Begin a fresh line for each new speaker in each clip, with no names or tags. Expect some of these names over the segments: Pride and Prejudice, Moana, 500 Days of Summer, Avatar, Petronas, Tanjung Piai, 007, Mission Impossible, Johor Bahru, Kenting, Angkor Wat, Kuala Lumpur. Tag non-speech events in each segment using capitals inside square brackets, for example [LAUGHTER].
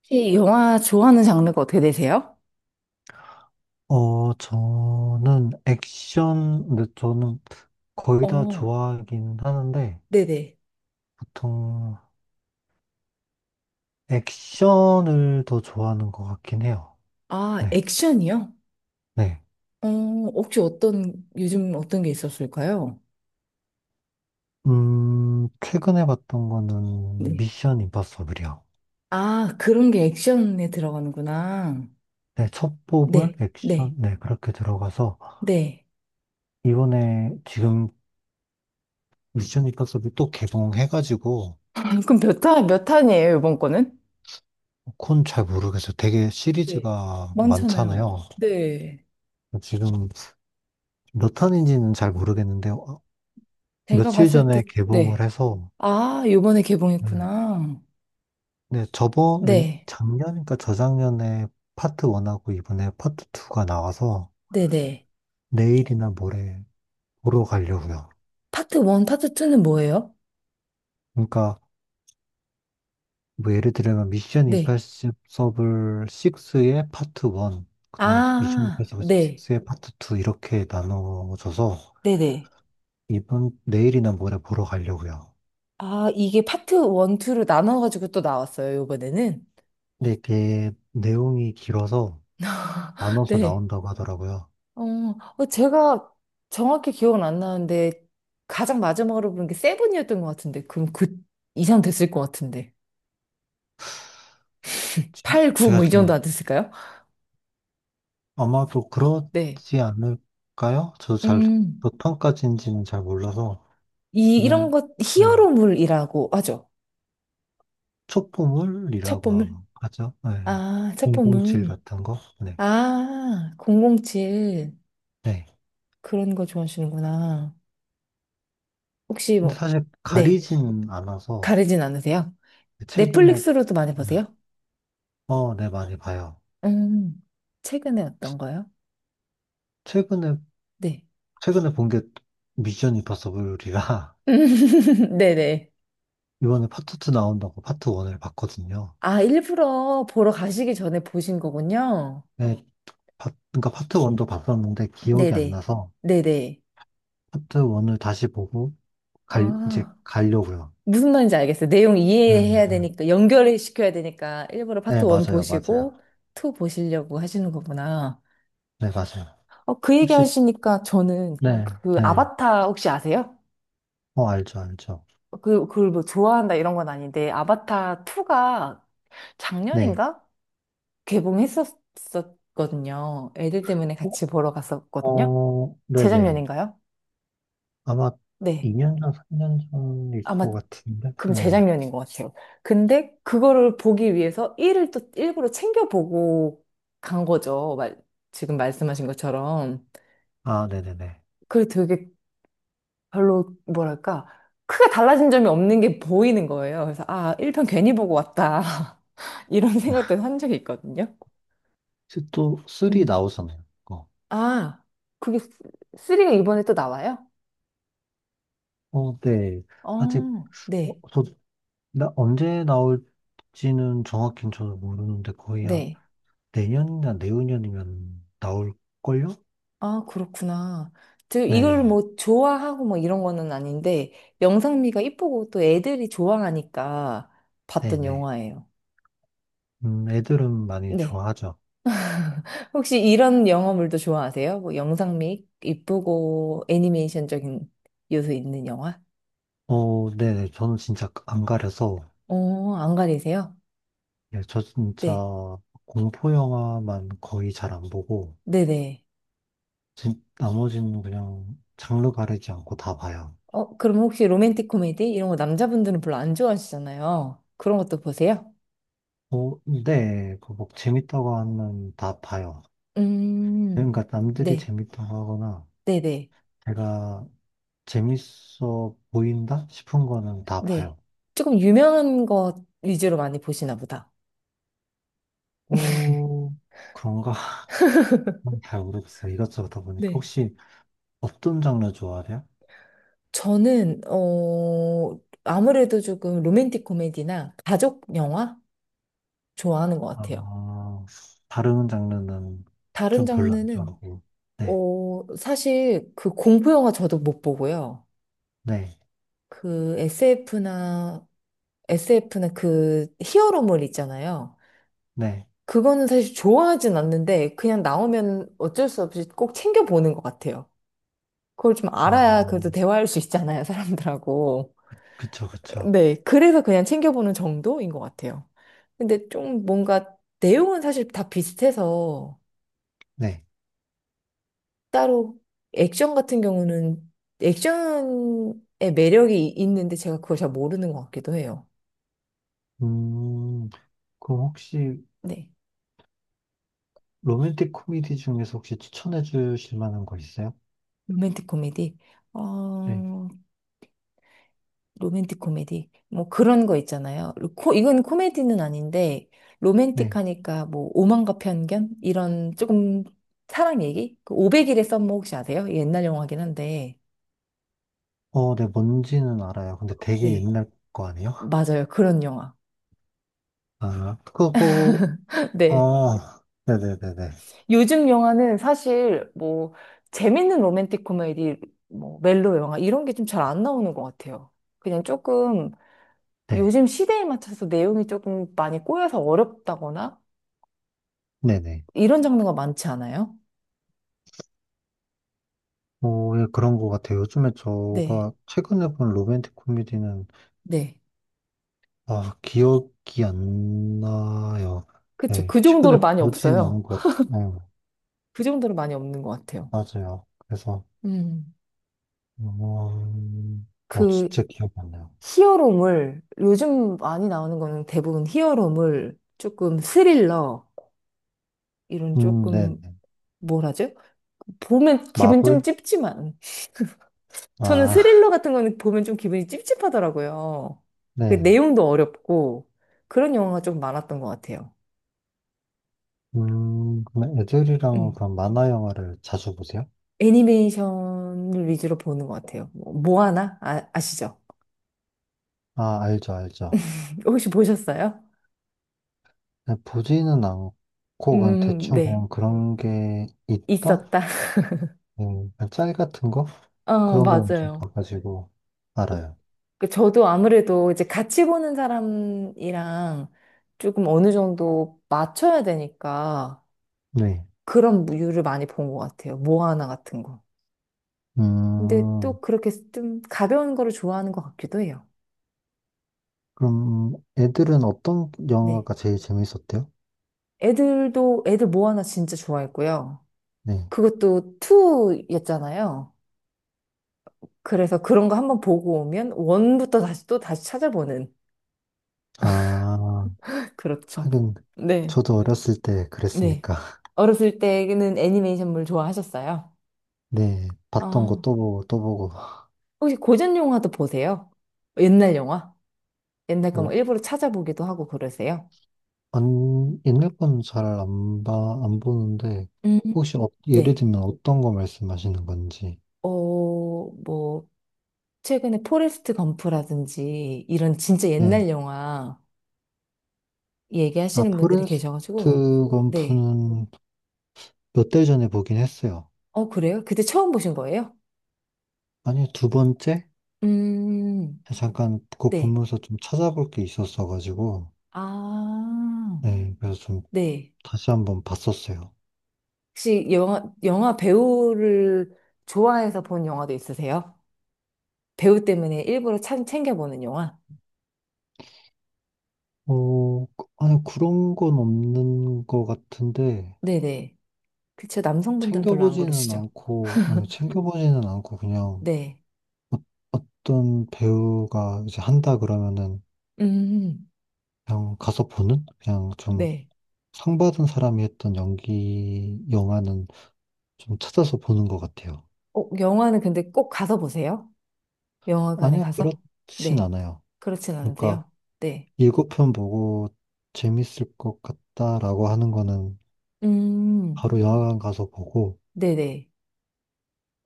혹시 영화 좋아하는 장르가 어떻게 되세요?
저는 액션, 근데 저는 거의 다
어,
좋아하긴 하는데,
네네.
보통 액션을 더 좋아하는 것 같긴 해요.
아,
네,
액션이요?
네.
어, 혹시 요즘 어떤 게 있었을까요?
최근에 봤던 거는
네.
미션 임파서블이요.
아, 그런 게 액션에 들어가는구나.
네, 첫 뽑을
네,
액션,
네,
네, 그렇게 들어가서,
네,
이번에 지금 미션 임파서블 또 개봉해가지고,
[LAUGHS] 아, 그럼 몇 탄이에요, 이번 거는?
그건 잘 모르겠어요. 되게
네.
시리즈가
많잖아요.
많잖아요.
네.
지금 몇 탄인지는 잘 모르겠는데,
제가
며칠
봤을 때,
전에 개봉을
네.
해서,
아, 요번에
음,
개봉했구나.
네, 저번,
네,
작년인가 저작년에 파트 1하고 이번에 파트 2가 나와서
네네.
내일이나 모레 보러 가려고요.
파트 1, 파트 2는 뭐예요?
그러니까, 뭐 예를 들면 미션
네.
임파서블 6의 파트 1, 그다음에 미션
아,
임파서블
네.
6의 파트 2 이렇게 나눠져서
네네.
이번, 내일이나 모레 보러 가려고요.
아, 이게 파트 1, 2로 나눠가지고 또 나왔어요, 요번에는.
근데 이게 내용이 길어서
[LAUGHS]
나눠서
네.
나온다고 하더라고요.
어, 제가 정확히 기억은 안 나는데, 가장 마지막으로 본 게 세븐이었던 것 같은데, 그럼 그 이상 됐을 것 같은데.
지-
8, 9,
제가
뭐 이 정도
지금
안 됐을까요?
아마도
네.
그렇지 않을까요? 저도 잘,
음,
보통까지인지는 잘 몰라서,
이런
그냥,
것,
네,
히어로물이라고 하죠. 첩보물?
촉보물이라고 하죠. 네,
아,
007
첩보물.
같은 거. 네.
아, 007.
네.
그런 거 좋아하시는구나. 혹시
근데
뭐,
사실
네.
가리진 않아서,
가리진 않으세요?
최근에,
넷플릭스로도 많이 보세요?
어, 네, 많이 봐요.
음, 최근에 어떤 거요?
최근에,
네.
최근에 본 게 미션 임파서블이라, [LAUGHS]
[LAUGHS] 네네.
이번에 파트 2 나온다고 파트 1을 봤거든요.
아, 일부러 보러 가시기 전에 보신 거군요.
네, 그러니까 파트 1도 봤었는데 기억이 안
네네.
나서,
네네.
파트 1을 다시 보고 이제
아,
가려고요.
무슨 말인지 알겠어요. 내용
네,
이해해야 되니까, 연결을 시켜야 되니까, 일부러 파트
네,
1
맞아요, 맞아요.
보시고, 2 보시려고 하시는 거구나.
네, 맞아요.
어, 그 얘기
혹시,
하시니까 저는
네,
그
네.
아바타 혹시 아세요?
어, 알죠, 알죠.
그걸 뭐 좋아한다 이런 건 아닌데, 아바타 2가
네.
작년인가? 개봉했었거든요. 애들 때문에
어,
같이 보러 갔었거든요.
어, 네네.
재작년인가요?
아마
네.
2년 전, 3년 전일
아마
것 같은데.
그럼
네.
재작년인 것 같아요. 근데 그거를 보기 위해서 일을 또 일부러 챙겨보고 간 거죠. 말, 지금 말씀하신 것처럼.
아, 네네네.
그게 되게 별로 뭐랄까 크게 달라진 점이 없는 게 보이는 거예요. 그래서 아, 1편 괜히 보고 왔다. [LAUGHS] 이런 생각도 한 적이 있거든요.
혹시 또 3
음.
나오잖아요. 그거.
아, 그게 쓰리가 이번에 또 나와요?
어, 네. 아직,
어,
어,
네,
저, 언제 나올지는 정확히는 저도 모르는데 거의 한
네.
내년이나 내후년이면 나올걸요?
아, 그렇구나. 저 이걸
네.
뭐 좋아하고 뭐 이런 거는 아닌데, 영상미가 이쁘고 또 애들이 좋아하니까 봤던
네네.
영화예요.
애들은 많이
네.
좋아하죠.
혹시 이런 영화물도 좋아하세요? 뭐 영상미 이쁘고 애니메이션적인 요소 있는 영화?
어, 네네. 저는 진짜 안 가려서,
어, 안 가리세요?
예, 저 진짜
네.
공포 영화만 거의 잘 안 보고,
네네.
나머지는 그냥 장르 가리지 않고 다 봐요.
어, 그럼 혹시 로맨틱 코미디? 이런 거 남자분들은 별로 안 좋아하시잖아요. 그런 것도 보세요?
어, 네. 그뭐 재밌다고 하면 다 봐요.
음,
그러니까 남들이
네.
재밌다고 하거나,
네네.
제가 재밌어 보인다 싶은 거는 다
네.
봐요.
조금 유명한 것 위주로 많이 보시나 보다. [LAUGHS]
어, 그런가? [LAUGHS] 잘 모르겠어요. 이것저것 다 보니까.
네.
혹시 어떤 장르 좋아하세요?
저는, 어, 아무래도 조금 로맨틱 코미디나 가족 영화 좋아하는 것 같아요.
어, 다른 장르는
다른
좀 별로 안
장르는,
좋아하고, 네,
어, 사실 그 공포 영화 저도 못 보고요.
네,
그 SF나, SF나 그 히어로물 있잖아요.
네,
그거는 사실 좋아하진 않는데 그냥 나오면 어쩔 수 없이 꼭 챙겨보는 것 같아요. 그걸 좀 알아야
어,
그래도 대화할 수 있잖아요, 사람들하고.
그쵸, 그쵸,
네, 그래서 그냥 챙겨보는 정도인 것 같아요. 근데 좀 뭔가 내용은 사실 다 비슷해서
네.
따로 액션 같은 경우는 액션의 매력이 있는데 제가 그걸 잘 모르는 것 같기도 해요.
음, 그럼 혹시
네.
로맨틱 코미디 중에서 혹시 추천해 주실 만한 거 있어요?
로맨틱 코미디.
네,
어, 로맨틱 코미디. 뭐 그런 거 있잖아요. 이건 코미디는 아닌데
네.
로맨틱하니까 뭐 오만과 편견? 이런 조금 사랑 얘기? 그 500일의 썸머 혹시 아세요? 옛날 영화긴 한데.
어, 네, 뭔지는 알아요. 근데 되게
네.
옛날 거 아니에요?
맞아요. 그런 영화.
아, 그거,
네.
어, 네네네네.
요즘 영화는 사실 뭐 재밌는 로맨틱 코미디, 뭐 멜로 영화 이런 게 좀 잘 안 나오는 것 같아요. 그냥 조금
네,
요즘 시대에 맞춰서 내용이 조금 많이 꼬여서 어렵다거나
네네.
이런 장르가 많지 않아요?
어, 예, 그런 거 같아요. 요즘에
네.
제가 최근에 본 로맨틱 코미디는
네.
아, 기억이 안 나요.
그쵸.
네,
그
최근에
정도로 많이
보진
없어요.
않은 것 같아요. 네,
그 정도로 많이 없는 것 같아요.
맞아요. 그래서,
음.
음,
그
진짜 기억이 안 나요.
히어로물, 요즘 많이 나오는 거는 대부분 히어로물, 조금 스릴러, 이런 조금
네네.
뭐라죠? 보면 기분 좀
마블?
찝지만 저는
아,
스릴러 같은 거는 보면 좀 기분이 찝찝하더라고요.
[LAUGHS]
그
네.
내용도 어렵고 그런 영화가 좀 많았던 것 같아요.
그럼 애들이랑
음.
그런 만화 영화를 자주 보세요?
애니메이션을 위주로 보는 것 같아요. 뭐, 모아나? 아, 아시죠?
아, 알죠, 알죠.
혹시 보셨어요?
네, 보지는 않고, 그냥 대충
네.
그냥 그런 게 있다?
있었다.
네, 그냥 짤 같은 거?
[LAUGHS] 어,
그런 거만 좀
맞아요.
봐가지고 알아요.
그 저도 아무래도 이제 같이 보는 사람이랑 조금 어느 정도 맞춰야 되니까
네.
그런 류를 많이 본 것 같아요. 모아나 같은 거. 근데
음,
또 그렇게 좀 가벼운 거를 좋아하는 것 같기도 해요.
그럼 애들은 어떤
네.
영화가 제일 재밌었대요?
애들 모아나 진짜 좋아했고요.
네.
그것도 2였잖아요. 그래서 그런 거 한번 보고 오면 1부터 다시 또 다시 찾아보는.
아,
[LAUGHS] 그렇죠.
하긴
네.
저도 어렸을 때
네.
그랬으니까. [LAUGHS]
어렸을 때는 애니메이션물 좋아하셨어요?
네. 봤던 거
아.
또 보고 또 보고.
혹시 고전 영화도 보세요? 옛날 영화? 옛날 거막
뭐,
일부러 찾아보기도 하고 그러세요?
안, 옛날 건 잘 안 봐, 안 보는데
음.
혹시 예를
네.
들면 어떤 거 말씀하시는 건지.
어, 뭐. 최근에 포레스트 검프라든지 이런 진짜
네.
옛날 영화
아,
얘기하시는 분들이 계셔가지고,
포레스트
네.
검프는 몇 달 전에 보긴 했어요.
어, 그래요? 그때 처음 보신 거예요?
아니, 두 번째?
음,
잠깐 그거
네.
보면서 좀 찾아볼 게 있었어가지고.
아,
네. 그래서 좀
네.
다시 한번 봤었어요.
혹시 영화 배우를 좋아해서 본 영화도 있으세요? 배우 때문에 일부러 참 챙겨보는 영화?
어, 아니, 그런 건 없는 것 같은데,
네네. 그쵸. 남성분들은 별로 안 그러시죠?
챙겨보지는 않고, 그냥
네.
어떤 배우가 이제 한다 그러면은
음,
그냥 가서 보는? 그냥 좀
네.
상 받은 사람이 했던 연기 영화는 좀 찾아서 보는 것 같아요.
어, 영화는 근데 꼭 가서 보세요. 영화관에
아니요,
가서.
그렇진
네.
않아요.
그렇진
그러니까
않은데요. 네.
7편 보고 재밌을 것 같다라고 하는 거는
음,
바로 영화관 가서 보고,
네네.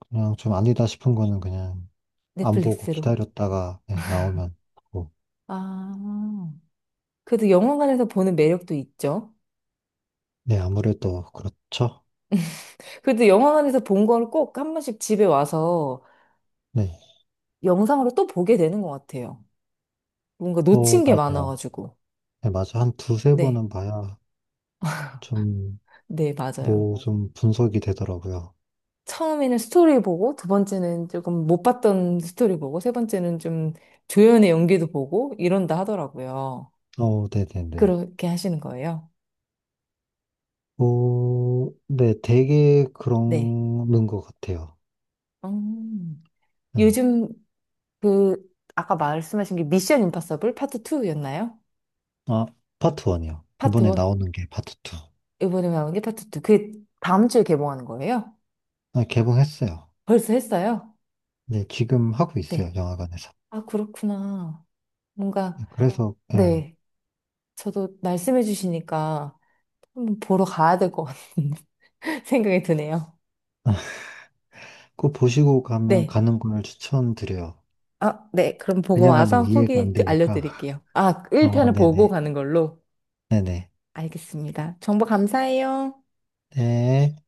그냥 좀 아니다 싶은 거는 그냥 안 보고
넷플릭스로.
기다렸다가 네, 나오면 보고.
아, 그래도 영화관에서 보는 매력도 있죠.
네, 아무래도 그렇죠.
그래도 영화관에서 본 걸 꼭 한 번씩 집에 와서
네,
영상으로 또 보게 되는 것 같아요. 뭔가
어,
놓친 게
맞아요.
많아가지고.
네, 맞아요. 한 두세
네.
번은 봐야 좀,
네, 맞아요.
뭐, 좀 분석이 되더라고요.
처음에는 스토리 보고, 두 번째는 조금 못 봤던 스토리 보고, 세 번째는 좀 조연의 연기도 보고, 이런다 하더라고요.
어, 네네네.
그렇게 하시는 거예요?
어, 네, 되게
네.
그러는 것 같아요.
음.
네.
요즘 그 아까 말씀하신 게 미션 임파서블 파트 2였나요?
아, 파트 1이요.
파트
이번에
1.
나오는 게 파트 2.
이번에 나온 게 파트 2. 그게 다음 주에 개봉하는 거예요?
아, 개봉했어요.
벌써 했어요?
네, 지금 하고
네.
있어요, 영화관에서.
아, 그렇구나.
네, 네.
뭔가
그래서, 예,
네. 저도 말씀해 주시니까 한번 보러 가야 될 것 같은 [LAUGHS] 생각이 드네요.
꼭 보시고 가면
네.
가는 걸 추천드려요.
아, 네. 그럼 보고
그냥 가면
와서
이해가
후기
안 되니까.
알려드릴게요. 아,
어,
1편을 보고
네네.
가는 걸로.
네네.
알겠습니다. 정보 감사해요.
네.